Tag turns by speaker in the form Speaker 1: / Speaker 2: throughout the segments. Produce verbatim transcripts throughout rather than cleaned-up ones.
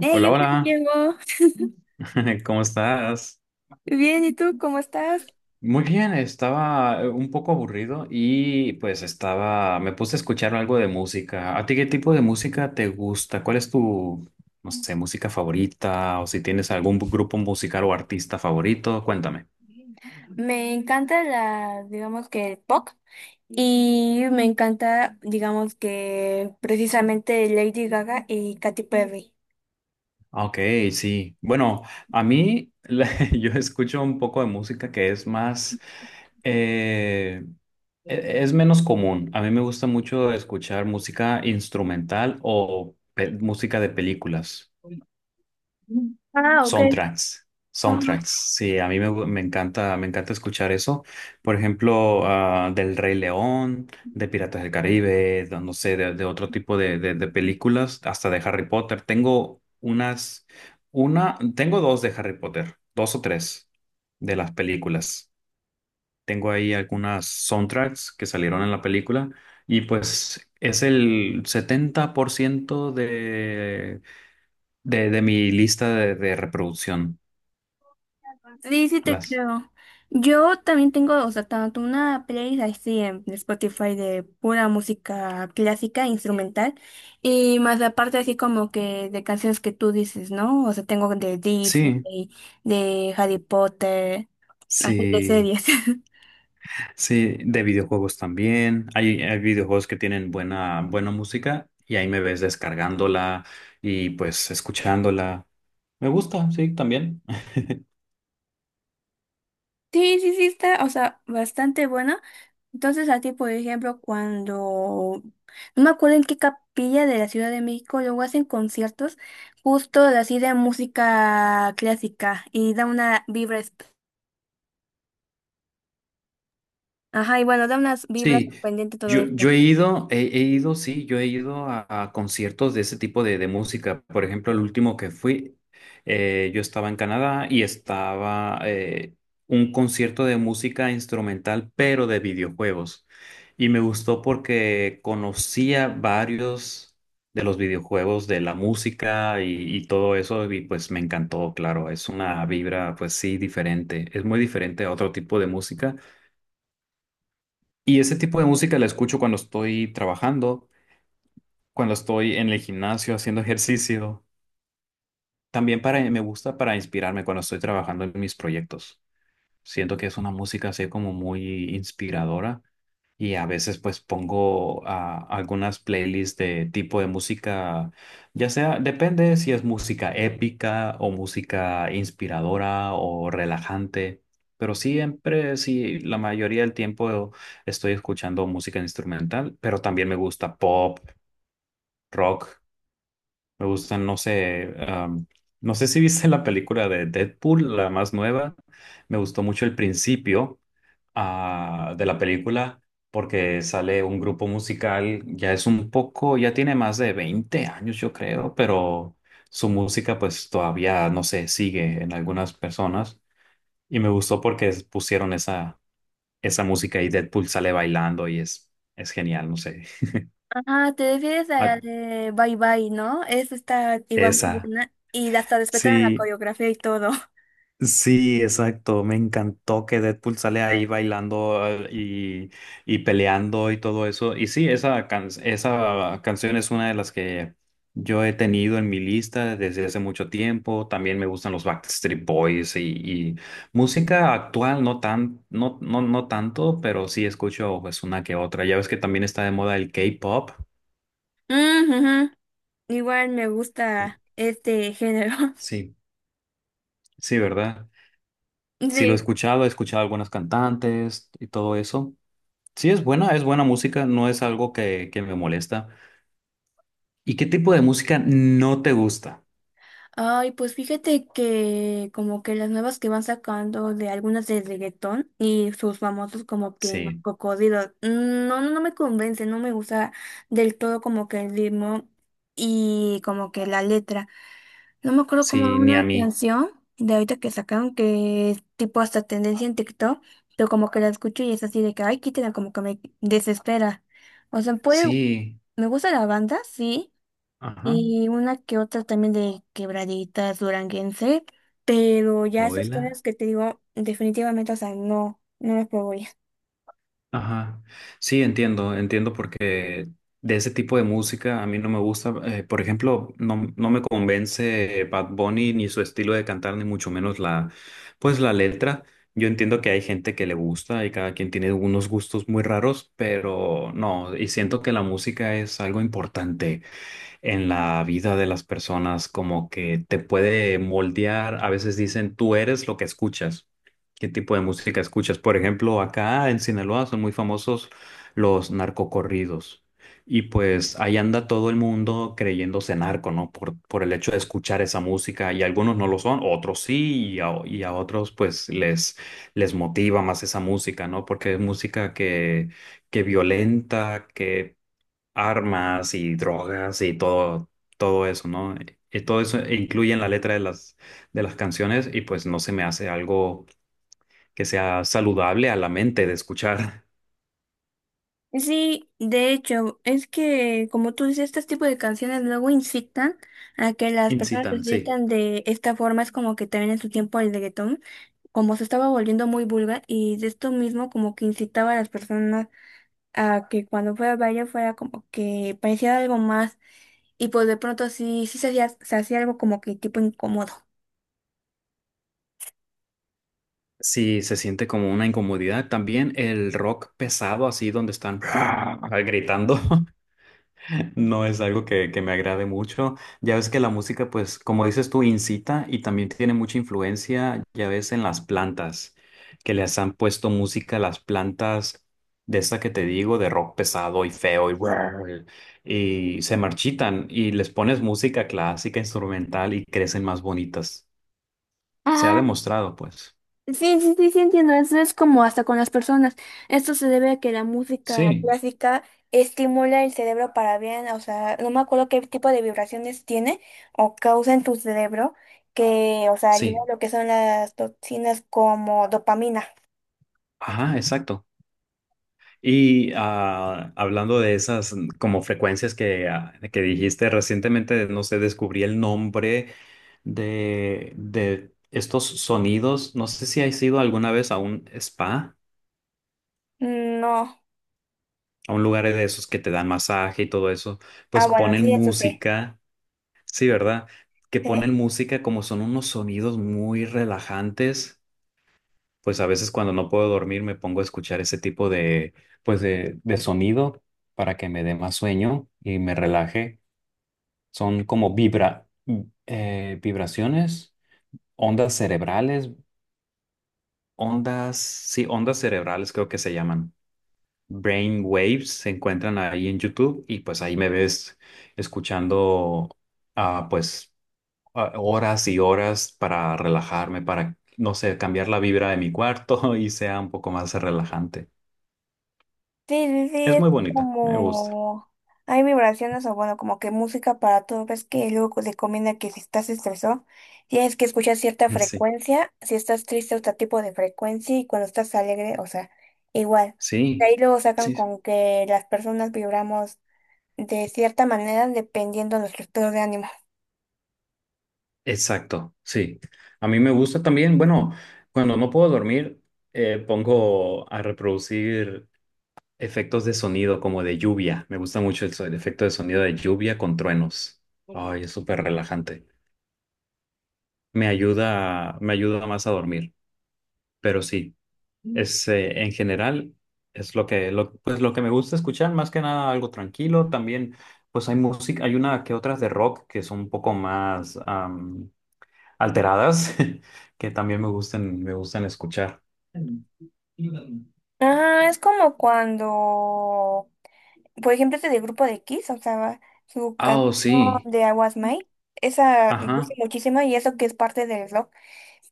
Speaker 1: Hey,
Speaker 2: Hola,
Speaker 1: hola
Speaker 2: hola,
Speaker 1: Diego.
Speaker 2: ¿cómo estás?
Speaker 1: Bien, ¿y tú cómo estás?
Speaker 2: Muy bien, estaba eh, un poco aburrido y pues estaba, me puse a escuchar algo de música. ¿A ti qué tipo de música te gusta? ¿Cuál es tu, no sé, música favorita? O si tienes algún grupo musical o artista favorito, cuéntame.
Speaker 1: Me encanta la, digamos que el pop, y me encanta, digamos que precisamente Lady Gaga y Katy Perry.
Speaker 2: Ah, ok, sí. Bueno, a mí la- yo escucho un poco de música que es más, eh, e- es menos común. A mí me gusta mucho escuchar música instrumental o pe- música de películas.
Speaker 1: Ah, ok.
Speaker 2: Soundtracks, soundtracks. Sí, a mí me, me encanta, me encanta escuchar eso. Por ejemplo, ah, del Rey León, de Piratas del Caribe, de- no sé, de, de otro tipo de, de, de películas, hasta de Harry Potter. Tengo unas, una, tengo dos de Harry Potter, dos o tres de las películas. Tengo ahí algunas soundtracks que salieron en la película y pues es el setenta por ciento de, de, de mi lista de de reproducción.
Speaker 1: Sí, sí te
Speaker 2: Las.
Speaker 1: creo. Yo también tengo, o sea, tanto una playlist así en Spotify de pura música clásica, instrumental, y más aparte así como que de canciones que tú dices, ¿no? O sea, tengo de
Speaker 2: Sí,
Speaker 1: Disney, de Harry Potter, así de
Speaker 2: sí,
Speaker 1: series.
Speaker 2: sí, de videojuegos también. Hay, hay videojuegos que tienen buena, buena música y ahí me ves descargándola y pues escuchándola. Me gusta, sí, también.
Speaker 1: Sí, sí, sí, está, o sea, bastante buena. Entonces, a ti, por ejemplo, cuando, no me acuerdo en qué capilla de la Ciudad de México, luego hacen conciertos justo así de música clásica y da una vibra, es- ajá, y bueno, da unas vibras
Speaker 2: Sí,
Speaker 1: sorprendente todo
Speaker 2: yo, yo
Speaker 1: esto.
Speaker 2: he ido, he, he ido, sí, yo he ido a, a conciertos de ese tipo de, de música. Por ejemplo, el último que fui, eh, yo estaba en Canadá y estaba eh, un concierto de música instrumental, pero de videojuegos. Y me gustó porque conocía varios de los videojuegos, de la música y, y todo eso, y pues me encantó, claro, es una vibra, pues sí, diferente, es muy diferente a otro tipo de música y ese tipo de música la escucho cuando estoy trabajando, cuando estoy en el gimnasio haciendo ejercicio. También para, me gusta para inspirarme cuando estoy trabajando en mis proyectos. Siento que es una música así como muy inspiradora y a veces pues pongo ah, algunas playlists de tipo de música, ya sea, depende si es música épica o música inspiradora o relajante, pero siempre, sí, la mayoría del tiempo estoy escuchando música instrumental, pero también me gusta pop, rock, me gustan, no sé, am, no sé si viste la película de Deadpool, la más nueva, me gustó mucho el principio ah, de la película porque sale un grupo musical, ya es un poco, ya tiene más de veinte años yo creo, pero su música pues todavía, no sé, sigue en algunas personas y me gustó porque es- pusieron esa, esa música y Deadpool sale bailando y es, es genial, no sé.
Speaker 1: Ajá, te refieres a la
Speaker 2: Ah,
Speaker 1: de Bye Bye, ¿no? Esa está igual muy
Speaker 2: esa,
Speaker 1: buena y hasta respetaron la
Speaker 2: sí.
Speaker 1: coreografía y todo.
Speaker 2: Sí, exacto. Me encantó que Deadpool sale ahí bailando eh, y, y peleando y todo eso. Y sí, esa, can- esa canción es una de las que yo he tenido en mi lista desde hace mucho tiempo. También me gustan los Backstreet Boys y, y música actual, no tan, no, no, no tanto, pero sí escucho pues una que otra. Ya ves que también está de moda el K-pop.
Speaker 1: Mm, ujú. Igual me
Speaker 2: Sí,
Speaker 1: gusta este género.
Speaker 2: sí, sí, ¿verdad? Sí, lo he
Speaker 1: Sí.
Speaker 2: escuchado, he escuchado algunas cantantes y todo eso. Sí, es buena, es buena música, no es algo que, que me molesta. ¿Y qué tipo de música no te gusta?
Speaker 1: Ay, pues fíjate que como que las nuevas que van sacando de algunas de reggaetón y sus famosos como que no,
Speaker 2: Sí,
Speaker 1: cocodrilos, mm, no, no no me convence, no me gusta del todo como que el ritmo y como que la letra. No me acuerdo como
Speaker 2: sí, ni a
Speaker 1: una
Speaker 2: mí.
Speaker 1: canción de ahorita que sacaron que es tipo hasta tendencia en TikTok, pero como que la escucho y es así de que, ay, quítela, como que me desespera. O sea, puede,
Speaker 2: Sí,
Speaker 1: me gusta la banda, sí,
Speaker 2: ajá,
Speaker 1: y una que otra también de quebraditas duranguense, pero ya esos
Speaker 2: oíla,
Speaker 1: géneros que te digo, definitivamente, o sea, no, no los puedo ya.
Speaker 2: ajá. Sí, entiendo, entiendo porque de ese tipo de música a mí no me gusta. Eh, por ejemplo, no, no me convence Bad Bunny ni su estilo de cantar, ni mucho menos la, pues la letra. Yo entiendo que hay gente que le gusta y cada quien tiene unos gustos muy raros, pero no, y siento que la música es algo importante en la vida de las personas, como que te puede moldear. A veces dicen, tú eres lo que escuchas. ¿Qué tipo de música escuchas? Por ejemplo, acá en Sinaloa son muy famosos los narcocorridos. Y pues ahí anda todo el mundo creyéndose narco, ¿no? Por, por el hecho de escuchar esa música. Y algunos no lo son, otros sí, y a, y a otros pues les, les motiva más esa música, ¿no? Porque es música que, que, violenta, que armas y drogas y todo, todo eso, ¿no? Y todo eso incluye en la letra de las, de las canciones y pues no se me hace algo que sea saludable a la mente de escuchar.
Speaker 1: Sí, de hecho, es que como tú dices, este tipo de canciones luego incitan a que las personas se
Speaker 2: Incitan, sí.
Speaker 1: sientan de esta forma. Es como que también en su tiempo el reggaetón, como se estaba volviendo muy vulgar y de esto mismo como que incitaba a las personas a que cuando fuera a baile fuera como que parecía algo más. Y pues de pronto sí, sí se hacía, se hacía algo como que tipo incómodo.
Speaker 2: Sí, se siente como una incomodidad. También el rock pesado, así donde están gritando. No es algo que, que me agrade mucho. Ya ves que la música, pues, como dices tú, incita y también tiene mucha influencia, ya ves, en las plantas, que les han puesto música a las plantas de esta que te digo, de rock pesado y feo y, brrr, y se marchitan y les pones música clásica, instrumental y crecen más bonitas. Se ha
Speaker 1: Ajá,
Speaker 2: demostrado, pues.
Speaker 1: sí, sí, sí, sí, entiendo. Eso es como hasta con las personas. Esto se debe a que la música
Speaker 2: Sí,
Speaker 1: clásica estimula el cerebro para bien. O sea, no me acuerdo qué tipo de vibraciones tiene o causa en tu cerebro que, o sea, libera
Speaker 2: sí.
Speaker 1: lo que son las toxinas como dopamina.
Speaker 2: Ajá, exacto. Y ah, hablando de esas mm, como frecuencias que, ah, que dijiste recientemente, no sé, descubrí el nombre de, de estos sonidos. No sé si has ido alguna vez a un spa,
Speaker 1: Mm, no.
Speaker 2: a un lugar de esos que te dan masaje y todo eso.
Speaker 1: Ah,
Speaker 2: Pues
Speaker 1: bueno, sí,
Speaker 2: ponen
Speaker 1: eso sí.
Speaker 2: música, sí, ¿verdad? Que ponen
Speaker 1: Sí.
Speaker 2: música como son unos sonidos muy relajantes. Pues a veces cuando no puedo dormir me pongo a escuchar ese tipo de, pues de, de sonido para que me dé más sueño y me relaje. Son como vibra, eh, vibraciones, ondas cerebrales, ondas, sí, ondas cerebrales creo que se llaman. Brain waves se encuentran ahí en YouTube y pues ahí me ves escuchando ah, pues ah, horas y horas para relajarme, para, no sé, cambiar la vibra de mi cuarto y sea un poco más relajante.
Speaker 1: Sí, sí, sí,
Speaker 2: Es
Speaker 1: es
Speaker 2: muy bonita, me gusta.
Speaker 1: como hay vibraciones o bueno, como que música para todo. Ves que luego co- recomienda que si estás estresado, tienes que escuchar cierta
Speaker 2: Sí,
Speaker 1: frecuencia, si estás triste, otro tipo de frecuencia y cuando estás alegre, o sea, igual. De
Speaker 2: sí,
Speaker 1: ahí luego sacan
Speaker 2: sí,
Speaker 1: con que las personas vibramos de cierta manera dependiendo de nuestro estado de ánimo.
Speaker 2: exacto, sí. A mí me gusta también, bueno, cuando no puedo dormir, eh, pongo a reproducir efectos de sonido como de lluvia. Me gusta mucho el, so- el efecto de sonido de lluvia con truenos. Ay, es súper relajante. Me ayuda, me ayuda más a dormir, pero sí. Es, eh, en general, es lo que, lo, pues lo que me gusta escuchar, más que nada algo tranquilo. También, pues hay música, hay una que otras de rock que son un poco más am, alteradas, que también me gustan, me gustan escuchar.
Speaker 1: Ah, es como cuando por ejemplo, este del grupo de Kiss, o sea, su
Speaker 2: Ah,
Speaker 1: canción
Speaker 2: oh, sí.
Speaker 1: de I Was Mine, esa me
Speaker 2: Ajá,
Speaker 1: gusta muchísimo y eso que es parte del rock,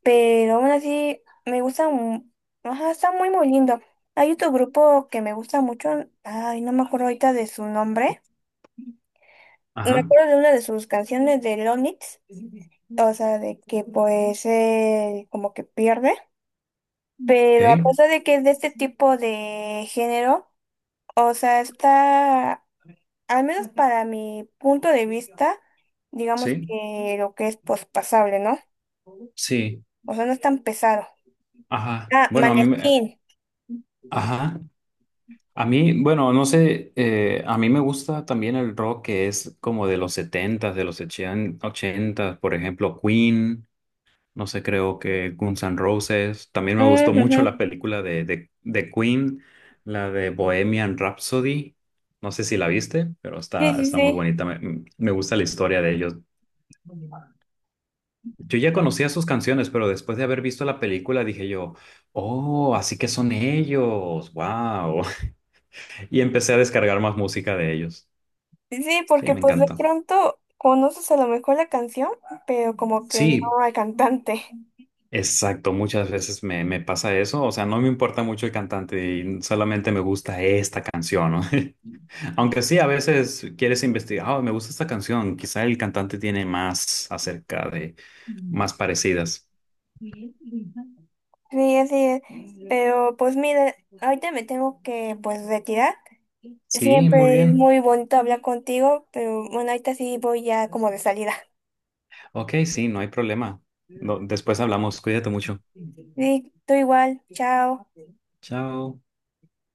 Speaker 1: pero aún así me gusta, mu- ajá, está muy muy lindo. Hay otro grupo que me gusta mucho, ay, no me acuerdo ahorita de su nombre, me
Speaker 2: ajá,
Speaker 1: acuerdo de una de sus canciones de Lonix, o sea, de que pues eh, como que pierde, pero a
Speaker 2: ok,
Speaker 1: pesar de que es de este tipo de género, o sea, está. Al menos para mi punto de vista, digamos
Speaker 2: sí,
Speaker 1: que lo que es pospasable, ¿no?
Speaker 2: sí,
Speaker 1: O sea, no es tan pesado.
Speaker 2: ajá.
Speaker 1: Ah,
Speaker 2: Bueno, a mí me,
Speaker 1: manechín.
Speaker 2: ajá. A mí, bueno, no sé, eh, a mí me gusta también el rock que es como de los setentas de los ochenta ochentas por ejemplo, Queen. No sé, creo que Guns N' Roses. También me gustó
Speaker 1: Mm,
Speaker 2: mucho la
Speaker 1: ujú.
Speaker 2: película de, de, de Queen, la de Bohemian Rhapsody. No sé si la viste, pero
Speaker 1: Sí,
Speaker 2: está,
Speaker 1: sí,
Speaker 2: está muy
Speaker 1: sí.
Speaker 2: bonita. Me, me gusta la historia de ellos. Yo ya conocía sus canciones, pero después de haber visto la película dije yo, oh, así que son ellos, wow. Y empecé a descargar más música de ellos.
Speaker 1: Sí, sí,
Speaker 2: Sí,
Speaker 1: porque
Speaker 2: me
Speaker 1: pues de
Speaker 2: encanta.
Speaker 1: pronto conoces a lo mejor la canción, pero como que no
Speaker 2: Sí,
Speaker 1: al cantante.
Speaker 2: Exacto, muchas veces me, me pasa eso, o sea, no me importa mucho el cantante, y solamente me gusta esta canción, ¿no? Aunque sí, a veces quieres investigar, "Ah, me gusta esta canción, quizá el cantante tiene más acerca de más parecidas."
Speaker 1: Sí, así es. Pero pues mira, ahorita me tengo que pues retirar.
Speaker 2: Sí, muy
Speaker 1: Siempre es
Speaker 2: bien.
Speaker 1: muy bonito hablar contigo, pero bueno, ahorita sí voy ya como de salida.
Speaker 2: Ok, sí, no hay problema. No- después hablamos, cuídate mucho.
Speaker 1: Sí, tú igual. Chao.
Speaker 2: Chao.